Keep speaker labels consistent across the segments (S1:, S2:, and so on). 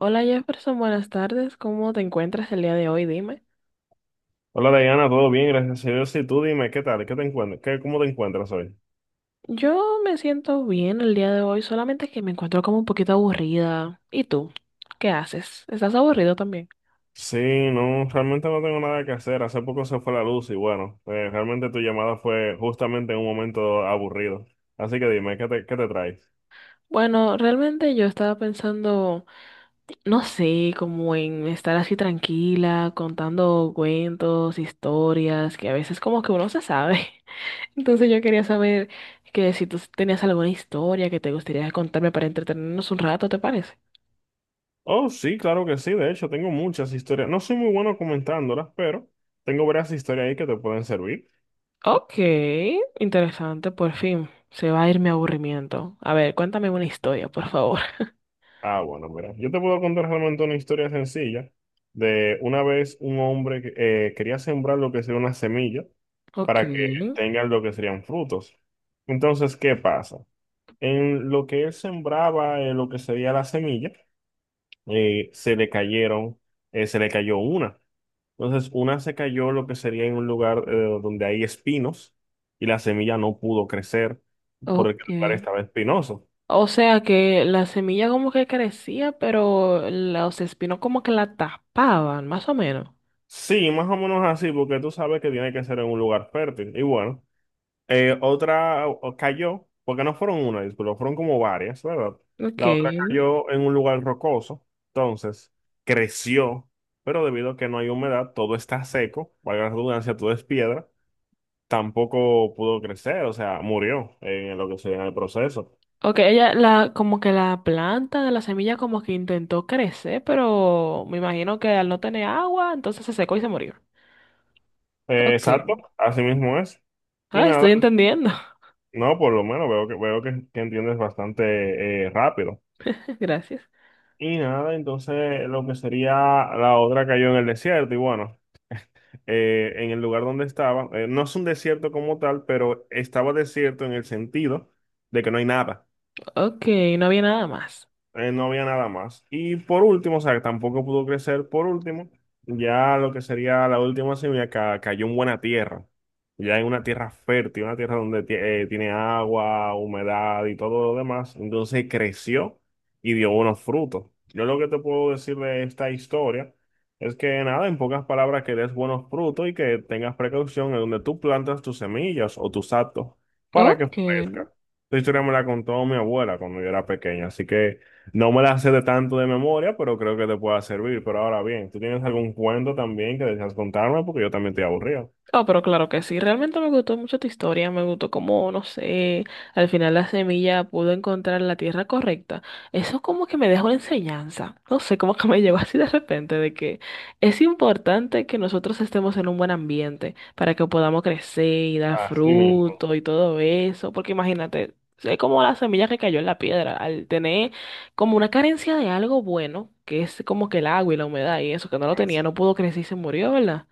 S1: Hola Jefferson, buenas tardes. ¿Cómo te encuentras el día de hoy? Dime.
S2: Hola Diana, todo bien, gracias a Dios. Y tú dime, ¿qué tal? ¿Qué te encuentras? ¿Cómo te encuentras hoy?
S1: Yo me siento bien el día de hoy, solamente que me encuentro como un poquito aburrida. ¿Y tú? ¿Qué haces? ¿Estás aburrido también?
S2: Sí, no, realmente no tengo nada que hacer. Hace poco se fue la luz y bueno, realmente tu llamada fue justamente en un momento aburrido. Así que dime, ¿qué te traes?
S1: Bueno, realmente yo estaba pensando, no sé, como en estar así tranquila, contando cuentos, historias, que a veces como que uno se sabe. Entonces yo quería saber que si tú tenías alguna historia que te gustaría contarme para entretenernos un rato, ¿te parece?
S2: Oh, sí, claro que sí. De hecho, tengo muchas historias. No soy muy bueno comentándolas, pero tengo varias historias ahí que te pueden servir.
S1: Ok, interesante, por fin. Se va a ir mi aburrimiento. A ver, cuéntame una historia, por favor.
S2: Ah, bueno, mira, yo te puedo contar realmente una historia sencilla de una vez un hombre que quería sembrar lo que sería una semilla
S1: Ok,
S2: para que tengan lo que serían frutos. Entonces, ¿qué pasa? En lo que él sembraba, lo que sería la semilla, eh, se le cayeron, se le cayó una. Entonces, una se cayó lo que sería en un lugar donde hay espinos y la semilla no pudo crecer porque el lugar
S1: ok.
S2: estaba espinoso.
S1: O sea que la semilla como que crecía, pero los espinos como que la tapaban, más o menos.
S2: Sí, más o menos así, porque tú sabes que tiene que ser en un lugar fértil. Y bueno, cayó, porque no fueron una, disculpa, fueron como varias, ¿verdad? La otra
S1: Ok.
S2: cayó en un lugar rocoso, entonces creció, pero debido a que no hay humedad, todo está seco, valga la redundancia, todo es piedra, tampoco pudo crecer, o sea, murió en lo que sería el proceso.
S1: Ok, ella la, como que la planta de la semilla como que intentó crecer, pero me imagino que al no tener agua, entonces se secó y se murió.
S2: Exacto,
S1: Ok.
S2: así mismo es. Y
S1: Ah,
S2: nada,
S1: estoy entendiendo.
S2: no, por lo menos veo que entiendes bastante rápido.
S1: Gracias.
S2: Y nada, entonces lo que sería la otra cayó en el desierto y bueno, en el lugar donde estaba, no es un desierto como tal, pero estaba desierto en el sentido de que no hay nada
S1: Ok, no había nada más.
S2: eh, no había nada más. Y por último, o sea, que tampoco pudo crecer. Por último, ya lo que sería la cayó en buena tierra. Ya en una tierra fértil, una tierra donde tiene agua, humedad y todo lo demás. Entonces creció y dio buenos frutos. Yo lo que te puedo decir de esta historia es que nada, en pocas palabras, que des buenos frutos y que tengas precaución en donde tú plantas tus semillas o tus actos para que
S1: Ok.
S2: crezcan. Esta historia me la contó mi abuela cuando yo era pequeña, así que... No me la sé de tanto de memoria, pero creo que te pueda servir. Pero ahora bien, ¿tú tienes algún cuento también que deseas contarme? Porque yo también estoy aburrido.
S1: Oh, pero claro que sí. Realmente me gustó mucho tu historia. Me gustó cómo, no sé, al final la semilla pudo encontrar la tierra correcta. Eso como que me dejó una enseñanza. No sé, como que me llegó así de repente de que es importante que nosotros estemos en un buen ambiente para que podamos crecer y dar
S2: Así mismo.
S1: fruto y todo eso. Porque imagínate, es como la semilla que cayó en la piedra. Al tener como una carencia de algo bueno, que es como que el agua y la humedad y eso que no lo tenía, no pudo crecer y se murió, ¿verdad?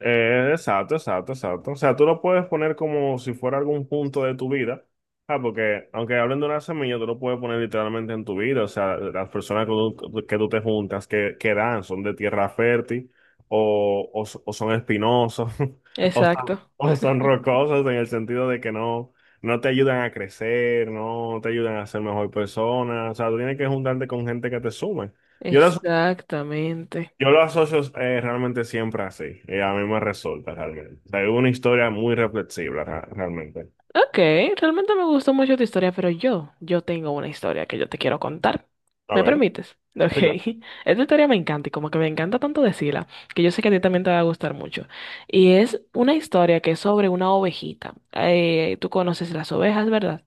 S2: Exacto, exacto. O sea, tú lo puedes poner como si fuera algún punto de tu vida. Ah, porque aunque hablen de una semilla, tú lo puedes poner literalmente en tu vida. O sea, las personas que tú te juntas, que dan, son de tierra fértil o o son espinosos o, son-
S1: Exacto.
S2: o son rocosos en el sentido de que no te ayudan a crecer, no te ayudan a ser mejor persona. O sea, tú tienes que juntarte con gente que te sume. Yo las
S1: Exactamente.
S2: yo lo asocio realmente siempre así. A mí me resulta realmente. O sea, es una historia muy realmente.
S1: Ok, realmente me gustó mucho tu historia, pero yo tengo una historia que yo te quiero contar.
S2: A
S1: ¿Me
S2: ver,
S1: permites? Ok.
S2: sí, claro.
S1: Esta historia me encanta y como que me encanta tanto decirla, que yo sé que a ti también te va a gustar mucho. Y es una historia que es sobre una ovejita. Tú conoces las ovejas, ¿verdad?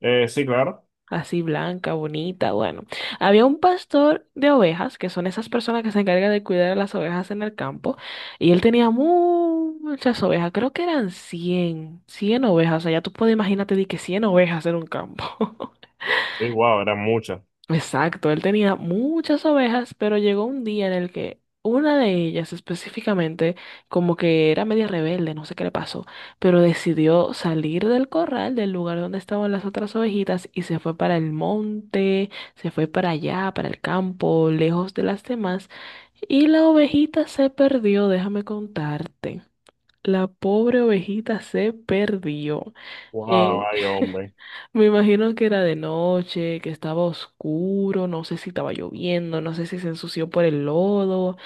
S2: Sí, claro.
S1: Así blanca, bonita, bueno. Había un pastor de ovejas, que son esas personas que se encargan de cuidar a las ovejas en el campo, y él tenía muchas ovejas, creo que eran cien ovejas, o sea, ya tú puedes imagínate de que 100 ovejas en un campo.
S2: Sí, wow, eran muchas.
S1: Exacto, él tenía muchas ovejas, pero llegó un día en el que una de ellas específicamente, como que era media rebelde, no sé qué le pasó, pero decidió salir del corral, del lugar donde estaban las otras ovejitas, y se fue para el monte, se fue para allá, para el campo, lejos de las demás, y la ovejita se perdió, déjame contarte. La pobre ovejita se perdió.
S2: Wow,
S1: Eh,
S2: ay, hombre.
S1: Me imagino que era de noche, que estaba oscuro, no sé si estaba lloviendo, no sé si se ensució por el lodo,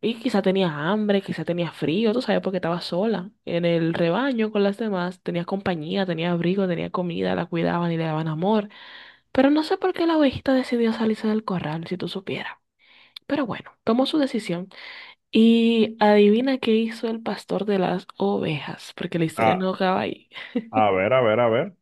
S1: y quizá tenía hambre, quizá tenía frío, tú sabes, porque estaba sola en el rebaño con las demás, tenía compañía, tenía abrigo, tenía comida, la cuidaban y le daban amor, pero no sé por qué la ovejita decidió salirse del corral, si tú supieras. Pero bueno, tomó su decisión y adivina qué hizo el pastor de las ovejas, porque la historia
S2: Ah,
S1: no acaba ahí.
S2: a ver.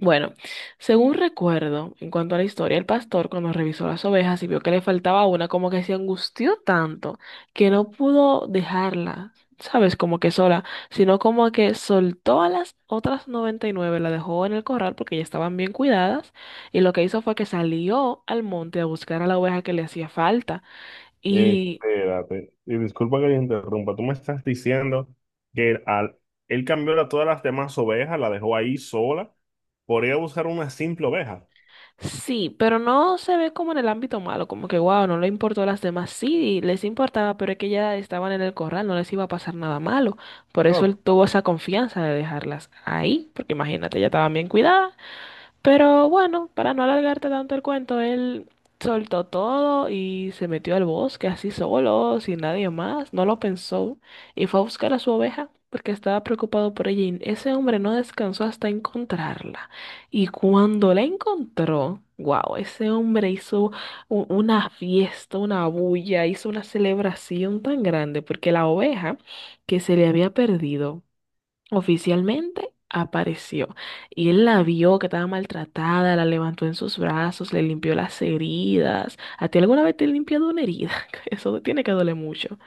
S1: Bueno, según recuerdo, en cuanto a la historia, el pastor, cuando revisó las ovejas y vio que le faltaba una, como que se angustió tanto que no pudo dejarla, ¿sabes? Como que sola, sino como que soltó a las otras 99, la dejó en el corral porque ya estaban bien cuidadas, y lo que hizo fue que salió al monte a buscar a la oveja que le hacía falta.
S2: Espérate. Y disculpa que te interrumpa. Tú me estás diciendo que él cambió a todas las demás ovejas, la dejó ahí sola, por ir a buscar una simple oveja.
S1: Sí, pero no se ve como en el ámbito malo, como que wow, no le importó a las demás. Sí, les importaba, pero es que ya estaban en el corral, no les iba a pasar nada malo. Por eso
S2: No.
S1: él tuvo esa confianza de dejarlas ahí, porque imagínate, ya estaban bien cuidadas. Pero bueno, para no alargarte tanto el cuento, él soltó todo y se metió al bosque así solo, sin nadie más, no lo pensó y fue a buscar a su oveja porque estaba preocupado por ella y ese hombre no descansó hasta encontrarla. Y cuando la encontró, wow, ese hombre hizo una fiesta, una bulla, hizo una celebración tan grande porque la oveja que se le había perdido. Oficialmente apareció y él la vio que estaba maltratada, la levantó en sus brazos, le limpió las heridas. ¿A ti alguna vez te han limpiado una herida? Eso te tiene que doler mucho.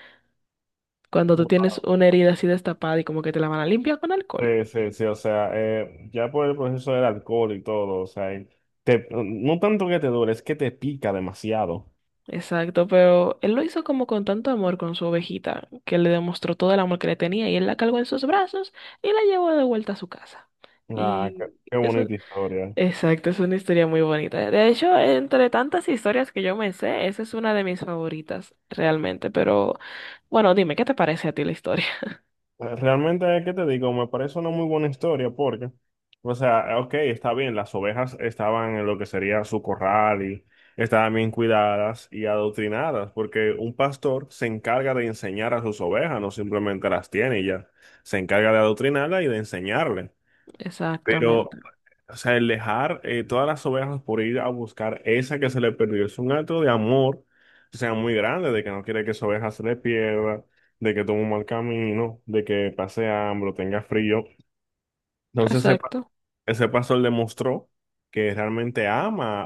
S1: Cuando tú tienes una herida así destapada y como que te la van a limpiar con alcohol.
S2: Sí, sí, sí, o sea, ya por el proceso del alcohol y todo, o sea, no tanto que te duele, es que te pica demasiado.
S1: Exacto, pero él lo hizo como con tanto amor con su ovejita, que le demostró todo el amor que le tenía y él la cargó en sus brazos y la llevó de vuelta a su casa.
S2: Ah,
S1: Y
S2: qué
S1: eso,
S2: bonita historia.
S1: exacto, es una historia muy bonita. De hecho, entre tantas historias que yo me sé, esa es una de mis favoritas realmente. Pero bueno, dime, ¿qué te parece a ti la historia?
S2: Realmente, ¿qué te digo? Me parece una muy buena historia porque, o sea, ok, está bien, las ovejas estaban en lo que sería su corral y estaban bien cuidadas y adoctrinadas, porque un pastor se encarga de enseñar a sus ovejas, no simplemente las tiene y ya, se encarga de adoctrinarlas y de enseñarle.
S1: Exactamente.
S2: Pero, o sea, el dejar todas las ovejas por ir a buscar esa que se le perdió es un acto de amor, o sea, muy grande, de que no quiere que su oveja se le pierda, de que tome un mal camino, de que pase hambre o tenga frío. Entonces,
S1: Exacto.
S2: ese pastor demostró que realmente ama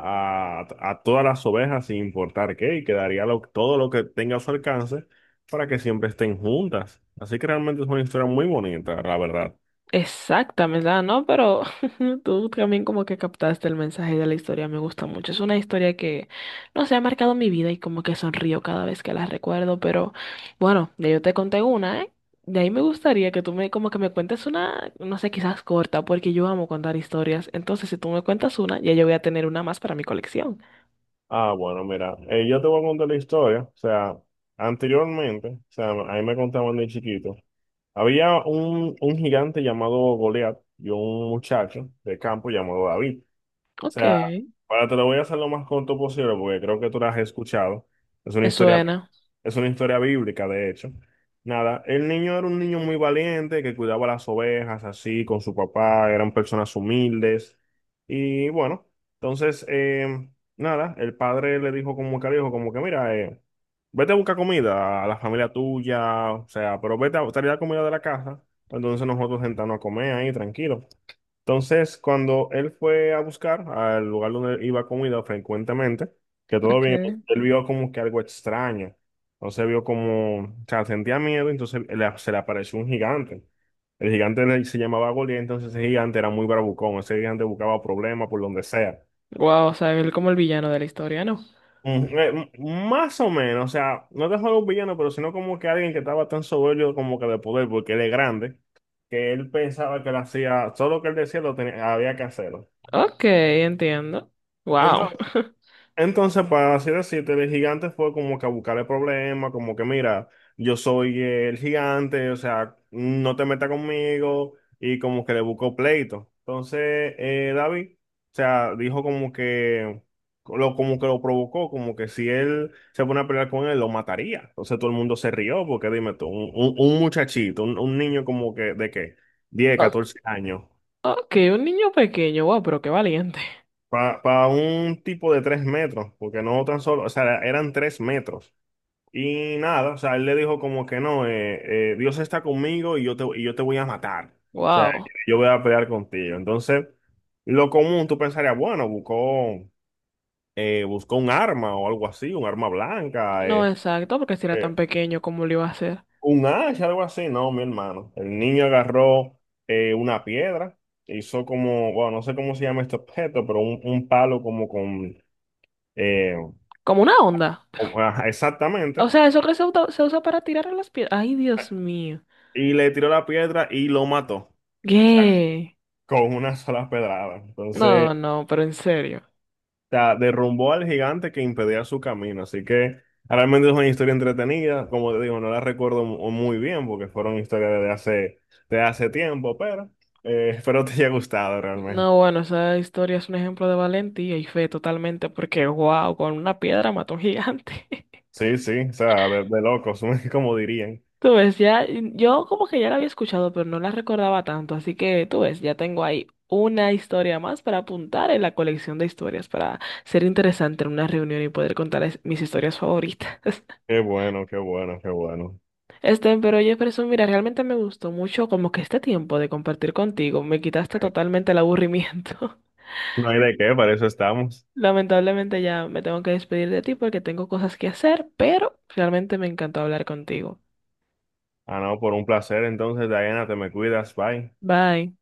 S2: a todas las ovejas sin importar qué, y que todo lo que tenga a su alcance para que siempre estén juntas. Así que realmente es una historia muy bonita, la verdad.
S1: Exactamente, ¿verdad? ¿No? Pero tú también como que captaste el mensaje de la historia, me gusta mucho. Es una historia que, no sé, ha marcado mi vida y como que sonrío cada vez que la recuerdo, pero bueno, ya yo te conté una, ¿eh? De ahí me gustaría que tú me como que me cuentes una, no sé, quizás corta, porque yo amo contar historias. Entonces, si tú me cuentas una, ya yo voy a tener una más para mi colección.
S2: Ah, bueno, mira, yo te voy a contar la historia. O sea, anteriormente, o sea, a mí me contaban de chiquito, había un gigante llamado Goliat y un muchacho de campo llamado David. O
S1: Ok,
S2: sea, para te lo voy a hacer lo más corto posible porque creo que tú la has escuchado. Es una
S1: me
S2: historia,
S1: suena.
S2: es una historia bíblica, de hecho. Nada, el niño era un niño muy valiente que cuidaba las ovejas así con su papá, eran personas humildes. Y bueno, entonces, nada, el padre le dijo como que al hijo, como que mira, vete a buscar comida a la familia tuya, o sea, pero vete a traer la comida de la casa. Entonces nosotros sentarnos a comer ahí tranquilos. Entonces, cuando él fue a buscar al lugar donde iba comida frecuentemente, que todo
S1: Ok.
S2: bien, él vio como que algo extraño. Entonces vio como, o sea, sentía miedo, se le apareció un gigante. El gigante se llamaba Goliat, entonces ese gigante era muy bravucón, ese gigante buscaba problemas por donde sea.
S1: Wow, o sea, él como el villano de la historia, ¿no?
S2: Más o menos, o sea, no te juego un villano, pero sino como que alguien que estaba tan soberbio como que de poder, porque él es grande, que él pensaba que lo hacía, todo lo que él decía lo tenía, había que hacerlo.
S1: Ok, entiendo. Wow.
S2: Entonces, para así decirte, el gigante fue como que a buscarle problemas, como que mira, yo soy el gigante, o sea, no te metas conmigo, y como que le buscó pleito. Entonces, David, o sea, dijo como que como que lo provocó, como que si él se pone a pelear con él, lo mataría. Entonces todo el mundo se rió, porque dime tú, un muchachito, un niño como que de qué, 10, 14 años.
S1: Ok, un niño pequeño, wow, pero qué valiente.
S2: Para un tipo de 3 metros, porque no tan solo, o sea, eran 3 metros. Y nada, o sea, él le dijo como que no, Dios está conmigo y yo te voy a matar. O sea,
S1: Wow.
S2: yo voy a pelear contigo. Entonces, lo común, tú pensarías, bueno, buscó un arma o algo así, un arma blanca,
S1: No, exacto, porque si era tan
S2: eh,
S1: pequeño, ¿cómo lo iba a hacer?
S2: un hacha, algo así. No, mi hermano. El niño agarró una piedra, hizo como, bueno, no sé cómo se llama este objeto, pero un palo como con, eh,
S1: Como una onda.
S2: ajá,
S1: O
S2: exactamente,
S1: sea, eso que se usa para tirar a las piedras. Ay, Dios mío.
S2: y le tiró la piedra y lo mató.
S1: ¿Qué?
S2: Con una sola pedrada. Entonces,
S1: No,
S2: o
S1: no, pero en serio.
S2: sea, derrumbó al gigante que impedía su camino. Así que realmente es una historia entretenida. Como te digo, no la muy bien porque fueron historias de hace tiempo, pero espero te haya gustado realmente.
S1: No, bueno, esa historia es un ejemplo de valentía y fe totalmente, porque wow, con una piedra mató a un gigante.
S2: Sí, sí, o sea, de locos, como dirían.
S1: Tú ves, ya, yo como que ya la había escuchado, pero no la recordaba tanto, así que tú ves, ya tengo ahí una historia más para apuntar en la colección de historias, para ser interesante en una reunión y poder contar mis historias favoritas.
S2: Qué bueno, qué bueno, qué bueno.
S1: Este, pero oye, Person, mira, realmente me gustó mucho como que este tiempo de compartir contigo, me quitaste totalmente el aburrimiento.
S2: No hay de qué, para eso estamos.
S1: Lamentablemente ya me tengo que despedir de ti porque tengo cosas que hacer, pero realmente me encantó hablar contigo.
S2: Ah, no, por un placer. Entonces, Diana, te me cuidas, bye.
S1: Bye.